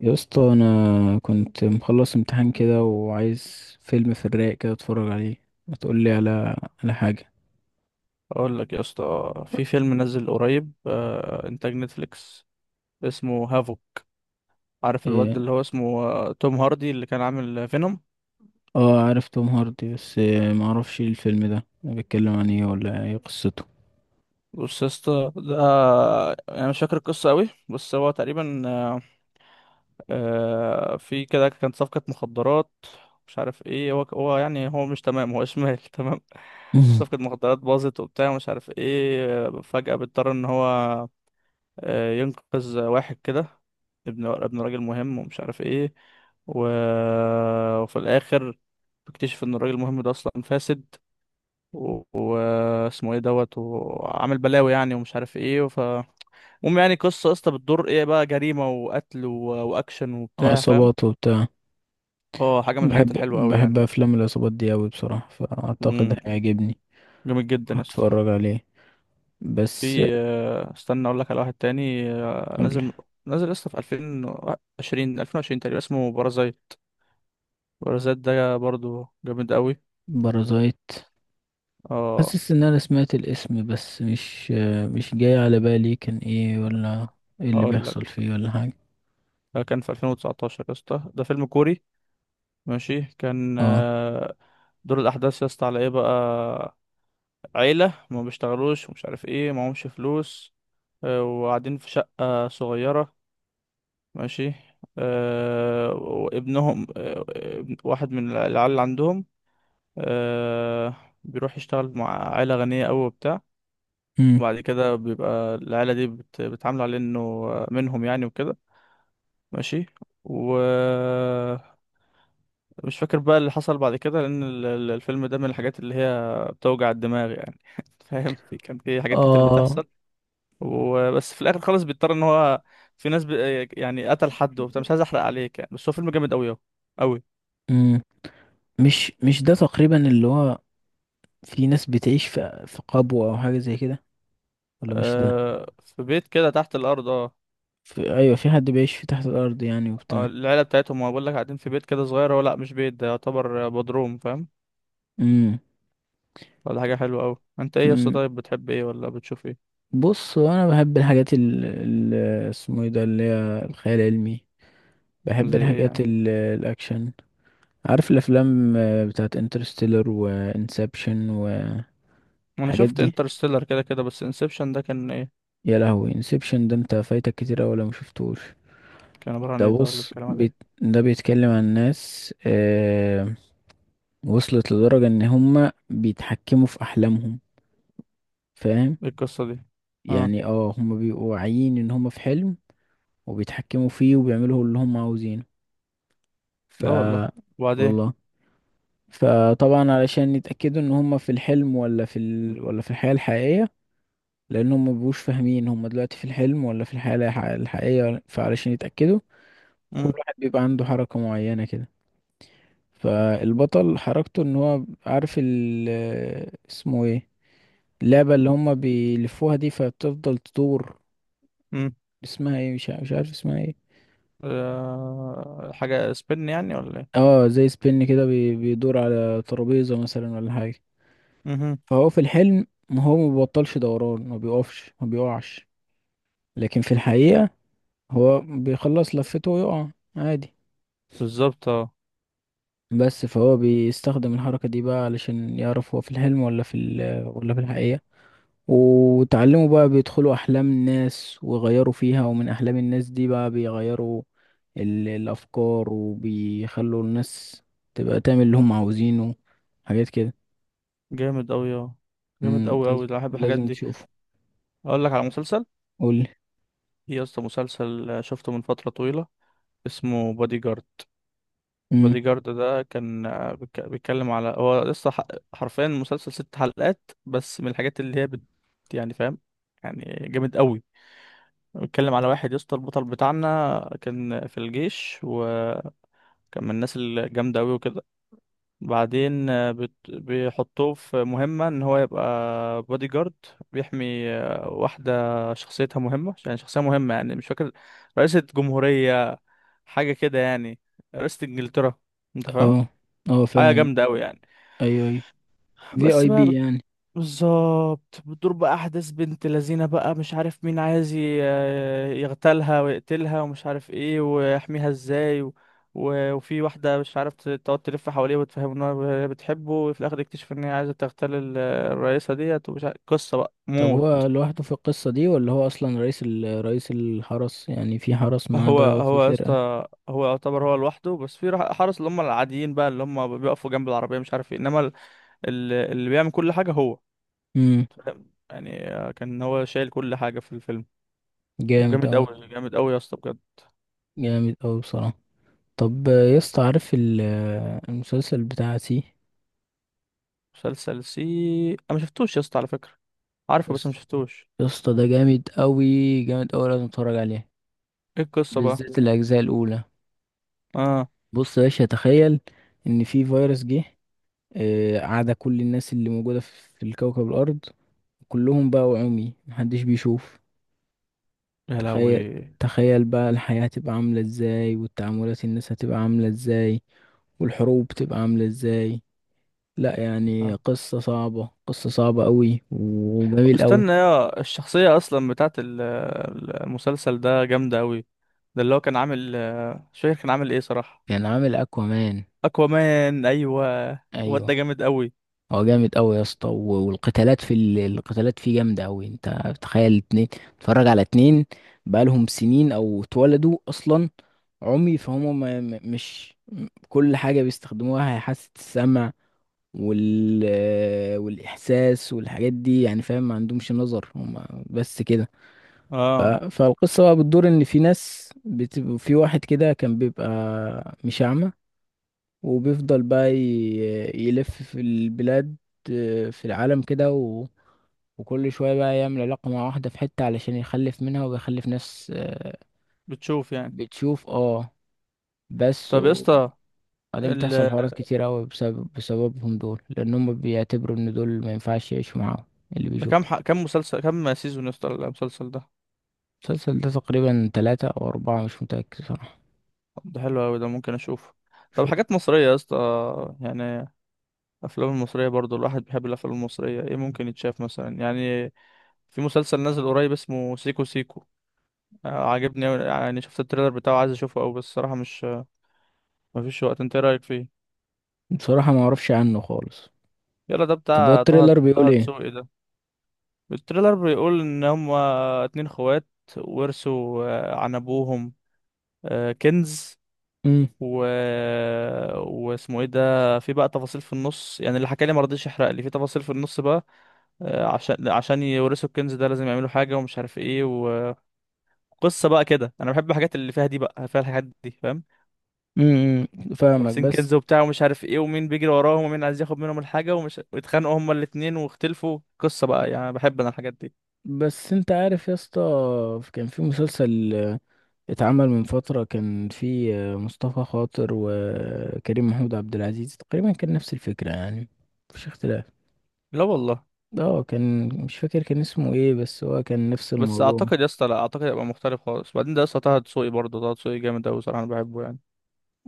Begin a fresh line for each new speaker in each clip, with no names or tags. يا اسطى، انا كنت مخلص امتحان كده وعايز فيلم في الرايق كده اتفرج عليه. ما تقول لي على حاجه.
اقول لك يا اسطى، في فيلم نزل قريب انتاج نتفليكس اسمه هافو. عارف الواد
إيه،
اللي هو اسمه توم هاردي اللي كان عامل فينوم.
اه، عارف توم هاردي، بس ما اعرفش إيه الفيلم ده بيتكلم عن ايه ولا ايه قصته.
بص يا اسطى ده انا مش فاكر القصه قوي، بس هو تقريبا في كده كانت صفقه مخدرات. مش عارف ايه هو يعني، هو مش تمام، هو شمال تمام.
مم.
صفقه مخدرات باظت وبتاع مش عارف ايه، فجاه بيضطر ان هو ينقذ واحد كده، ابن راجل مهم ومش عارف ايه و... وفي الاخر بيكتشف ان الراجل المهم ده اصلا فاسد واسمه ايه دوت وعامل بلاوي يعني ومش عارف ايه. ف المهم يعني، قصة بتدور ايه بقى، جريمة وقتل و... واكشن وبتاع، فاهم.
عصابات وبتاع.
اه حاجة من الحاجات
بحب
الحلوة قوي
بحب
يعني.
افلام العصابات دي اوي بصراحه، فاعتقد
امم.
هيعجبني.
جامد جدا يا اسطى.
هتفرج عليه. بس
في استنى اقول لك على واحد تاني،
قول.
نازل نازل لسه في 2020 تقريبا اسمه بارازايت. باراسات ده برضو جامد قوي.
بارازايت.
اه
حاسس ان انا سمعت الاسم، بس مش جاي على بالي كان ايه، ولا ايه اللي
هقول لك،
بيحصل فيه، ولا حاجه.
ده كان في 2019 يا اسطى، ده فيلم كوري ماشي كان
اه.
دور الاحداث يا اسطى على ايه بقى. عيله ما بيشتغلوش ومش عارف ايه معهمش فلوس، وقاعدين في شقه صغيره ماشي. وابنهم واحد من العيال اللي عندهم، آه، بيروح يشتغل مع عيله غنيه قوي وبتاع.
امم.
وبعد كده بيبقى العيله دي بتعامله على انه منهم يعني وكده ماشي. ومش فاكر بقى اللي حصل بعد كده لأن الفيلم ده من الحاجات اللي هي بتوجع الدماغ يعني. فاهم، في كان في حاجات كتير
اه.
بتحصل. وبس في الآخر خالص بيضطر إن هو في ناس ب... يعني قتل حد وبتاع، مش عايز أحرق عليك يعني، بس هو فيلم جامد أوي أهو، أوي.
امم مش ده تقريبا اللي هو في ناس بتعيش في قبو او حاجه زي كده، ولا مش ده.
أه، في بيت كده تحت الأرض اه.
ايوه، في حد بيعيش في تحت الارض يعني وبتاع.
العيلة بتاعتهم ما بقول لك قاعدين في بيت كده صغير، هو لأ مش بيت ده يعتبر بدروم فاهم.
امم.
ولا حاجة حلوة أوي. أنت إيه يا اسطى؟
امم.
طيب بتحب إيه ولا بتشوف إيه؟
بص، هو انا بحب الحاجات اسمه ايه ده اللي هي الخيال العلمي. بحب
زي إيه
الحاجات
يعني؟
الاكشن. عارف الافلام بتاعت انترستيلر وانسبشن
ما انا
والحاجات
شفت
دي.
انترستيلر كده كده، بس انسبشن ده كان ايه؟
يا لهوي، انسبشن ده انت فايتك كتير أوي لو مشفتوش.
كان عبارة عن
ده
ايه ده، ولا
بص،
بيتكلم عن ايه؟
ده بيتكلم عن ناس وصلت لدرجة ان هما بيتحكموا في احلامهم، فاهم؟
ايه القصة دي؟ اه.
يعني اه، هما بيبقوا واعيين ان هما في حلم، وبيتحكموا فيه وبيعملوا اللي هما عاوزينه. ف
لا والله. وبعدين؟
والله. فطبعا علشان يتأكدوا ان هما في الحلم ولا ولا في الحياة الحقيقية، لان هما مبيبقوش فاهمين هما دلوقتي في الحلم ولا في الحياة الحقيقية، فعلشان يتأكدوا كل
امم.
واحد بيبقى عنده حركة معينة كده. فالبطل حركته ان هو عارف اسمه ايه اللعبة اللي هما بيلفوها دي، فبتفضل تدور.
امم.
اسمها ايه، مش عارف اسمها ايه.
آه حاجة سبين يعني ولا ايه؟
اه، زي سبين كده، بيدور على ترابيزة مثلا ولا حاجة.
امم.
فهو في الحلم ما هو ما بيبطلش دوران، ما بيقفش، ما بيقعش. لكن في الحقيقة هو بيخلص لفته ويقع عادي،
بالظبط اه.
بس. فهو بيستخدم الحركة دي بقى علشان يعرف هو في الحلم ولا في ولا في الحقيقة. وتعلموا بقى بيدخلوا أحلام الناس ويغيروا فيها، ومن أحلام الناس دي بقى بيغيروا الأفكار، وبيخلوا الناس تبقى تعمل اللي هم عاوزينه، حاجات كده.
جامد اوي اه. جامد اوي اوي،
لازم
ده بحب الحاجات
لازم
دي.
تشوفه.
اقول لك على مسلسل.
قولي.
في يا اسطى مسلسل شفته من فترة طويلة، اسمه بادي جارد.
مم.
بادي جارد ده كان بيتكلم على هو لسه حرفيا مسلسل ست حلقات بس، من الحاجات اللي هي بت... يعني فاهم، يعني جامد قوي. بتكلم على واحد يا اسطى، البطل بتاعنا كان في الجيش وكان من الناس الجامدة أوي وكده. بعدين بيحطوه في مهمة إن هو يبقى بودي جارد، بيحمي واحدة شخصيتها مهمة يعني، شخصية مهمة يعني، مش فاكر، رئيسة جمهورية حاجة كده يعني، رئيسة إنجلترا. أنت فاهم؟
اه اه،
حاجة
فاهم.
جامدة أوي يعني.
أيوه أيوه. في
بس
أي
بقى،
بي يعني.
بالظبط بتدور بقى احداث بنت لذينه بقى مش عارف مين عايز يغتالها ويقتلها ومش عارف ايه ويحميها ازاي و... و... وفي واحده مش عارف تقعد تلف حواليه وتفهمه ان هي بتحبه، وفي الاخر يكتشف ان هي عايزه تغتال الرئيسه ديت ومش عارف قصه بقى
طب
موت.
هو لوحده في القصة دي ولا هو أصلا رئيس رئيس الحرس يعني؟ في حرس معاه
هو
بقى وفي
هو يا
فرقة.
اسطى هو يعتبر هو لوحده، بس في حرس اللي هم العاديين بقى اللي هم بيقفوا جنب العربيه مش عارف ايه، انما اللي بيعمل كل حاجه هو.
مم.
فاهم؟ يعني كان هو شايل كل حاجه في الفيلم.
جامد
وجامد
أوي.
قوي جامد قوي يا اسطى بجد.
جامد أوي بصراحة. طب يا اسطى، عارف المسلسل بتاع سي.
مسلسل سي. انا ما شفتوش يا اسطى على فكره،
يا
عارفه بس ما
اسطى،
شفتوش.
يا اسطى، ده جامد قوي. جامد قوي، لازم تتفرج عليه،
ايه القصه بقى؟
بالذات الاجزاء الاولى.
اه.
بص يا باشا، تخيل ان في فيروس جه، عاد كل الناس اللي موجوده في الكوكب الارض كلهم بقوا عمي، محدش بيشوف.
يا
تخيل.
لهوي.
تخيل بقى الحياه هتبقى عامله ازاي، والتعاملات الناس هتبقى عامله ازاي، والحروب تبقى عامله ازاي. لا يعني،
آه.
قصه صعبه، قصه صعبه قوي وجميل قوي.
استنى، يا الشخصيه اصلا بتاعت المسلسل ده جامده قوي. ده اللي هو كان عامل مش فاكر كان عامل ايه صراحه.
كان عامل اكوامان.
اكوامان ايوه. الواد
ايوه.
ده جامد قوي.
هو جامد قوي يا اسطى، والقتالات في القتالات فيه جامده قوي. انت تخيل اتنين تتفرج على اتنين بقالهم سنين او اتولدوا اصلا عمي، فهم ما ما- مش م- كل حاجه بيستخدموها هي حاسه السمع وال والاحساس والحاجات دي يعني، فاهم؟ ما عندهمش نظر هم، بس كده.
اه.
فالقصه بقى بتدور ان في ناس في واحد كده كان بيبقى مش اعمى، وبيفضل بقى يلف في البلاد، في العالم كده، وكل شوية بقى يعمل علاقة مع واحدة في حتة علشان يخلف منها، وبيخلف ناس
بتشوف يعني.
بتشوف. اه، بس.
طب يا اسطى
وبعدين بتحصل
ال...
حوارات كتير أوي بسببهم دول، لأن هم بيعتبروا إن دول ما ينفعش يعيشوا معاهم اللي
ده
بيشوفوا.
كام كام مسلسل، كام سيزون يا اسطى المسلسل ده؟
المسلسل ده تقريبا تلاتة أو أربعة، مش متأكد صراحة.
ده حلو قوي، ده ممكن اشوفه. طب
شوف.
حاجات مصريه يا اسطى يعني، الافلام المصريه برضو الواحد بيحب الافلام المصريه، ايه ممكن يتشاف مثلا يعني؟ في مسلسل نازل قريب اسمه سيكو سيكو، عاجبني أوي، يعني شفت التريلر بتاعه عايز اشوفه أوي، بس الصراحه مش مفيش وقت. انت ايه رايك فيه؟
بصراحة ما أعرفش عنه خالص.
يلا ده
طب هو
بتاع طه
التريلر بيقول
طه
إيه؟
دسوقي ده. التريلر بيقول ان هما اتنين اخوات ورثوا عن ابوهم كنز
امم.
و... واسمه ايه ده، في بقى تفاصيل في النص يعني، اللي حكى لي ما رضيش يحرق لي في تفاصيل في النص بقى. عشان عشان يورثوا الكنز ده لازم يعملوا حاجة ومش عارف ايه، قصه بقى كده. انا بحب الحاجات اللي فيها دي بقى فيها الحاجات دي فاهم.
امم فاهمك،
وارسين
بس.
كنز وبتاع ومش عارف ايه، ومين بيجري وراهم ومين عايز ياخد منهم الحاجه ومش، واتخانقوا هما الاتنين واختلفوا، قصه بقى يعني، بحب انا الحاجات دي.
بس انت عارف يا اسطى، كان في مسلسل اتعمل من فترة، كان في مصطفى خاطر وكريم محمود عبد العزيز، تقريبا كان نفس الفكرة يعني، مفيش اختلاف.
لا والله.
اه، كان، مش فاكر كان اسمه ايه، بس هو كان نفس
بس
الموضوع.
اعتقد يا اسطى، لا اعتقد هيبقى مختلف خالص. بعدين ده يا اسطى طه دسوقي، برضه طه دسوقي جامد اوي صراحه انا بحبه يعني.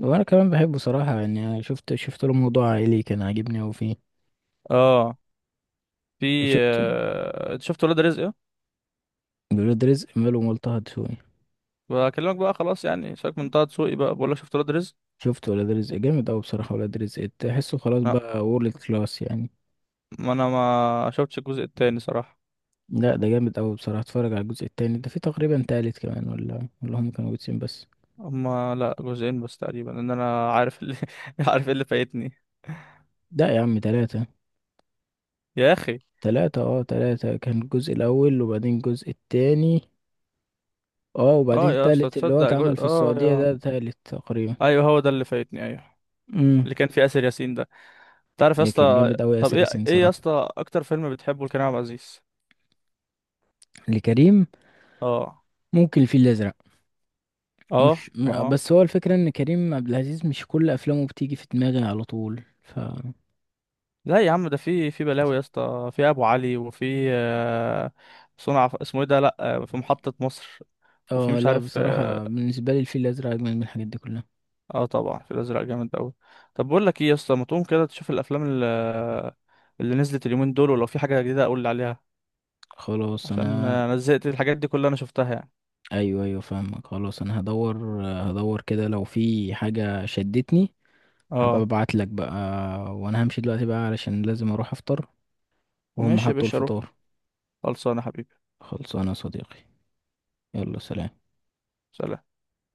وانا كمان بحبه صراحة يعني. أنا شفت له موضوع عائلي كان عاجبني اوي فيه.
اه. في
وشفت
انت شفت ولاد رزق؟ اه.
ولاد رزق ماله ملطه دسوقي.
بكلمك بقى خلاص يعني، سيبك من طه دسوقي بقى، بقول لك شفت ولاد رزق.
شفت ولاد رزق، جامد اوي بصراحة. ولاد رزق تحسه خلاص
لا،
بقى وورلد كلاس يعني.
ما انا ما شفتش الجزء التاني صراحه.
لا ده جامد أوي بصراحة، اتفرج على الجزء التاني ده. في تقريبا تالت كمان ولا هم كانوا جزئين بس؟
هما لا جزئين بس تقريبا ان انا عارف اللي عارف ايه اللي فايتني.
لا يا عم، تلاتة.
يا اخي
تلاتة اه، تلاتة، كان الجزء الأول وبعدين الجزء التاني، اه، وبعدين
اه يا اسطى
التالت اللي هو
تصدق،
اتعمل
جزء
في
اه
السعودية
يا،
ده، تالت تقريبا.
ايوه هو ده اللي فايتني ايوه.
امم.
اللي كان فيه اسر ياسين ده، تعرف يا
إيه، كان
اسطى.
جامد أوي
طب
ياسر
ايه
ياسين
ايه يا
صراحة.
اسطى اكتر فيلم بتحبه لكريم عبد العزيز؟
لكريم.
اه
ممكن الفيل الأزرق.
اه.
مش م-
اه
بس هو الفكرة إن كريم عبد العزيز مش كل أفلامه بتيجي في دماغي على طول.
لا يا عم ده في في بلاوي يا اسطى، في ابو علي وفي صنع اسمه ايه ده لا في محطة مصر. وفي
اه.
مش
لا
عارف
بصراحة بالنسبة لي الفيل الأزرق أجمل من الحاجات دي كلها.
اه طبعا في الازرق جامد قوي. طب بقول لك ايه يا اسطى، ما تقوم كده تشوف الافلام اللي, اللي نزلت اليومين دول ولو في حاجه جديده اقول لي عليها،
خلاص
عشان
أنا.
انا زهقت الحاجات دي كلها انا شفتها يعني.
ايوه ايوه فاهمك، خلاص انا هدور. هدور كده لو في حاجة شدتني، هبقى
اه.
ببعت لك بقى. وانا همشي دلوقتي بقى، علشان لازم اروح افطر وهم
ماشي يا
حطوا
باشا روح.
الفطار.
خلصانه يا حبيبي.
خلصانه يا صديقي. يلا، سلام.
سلام.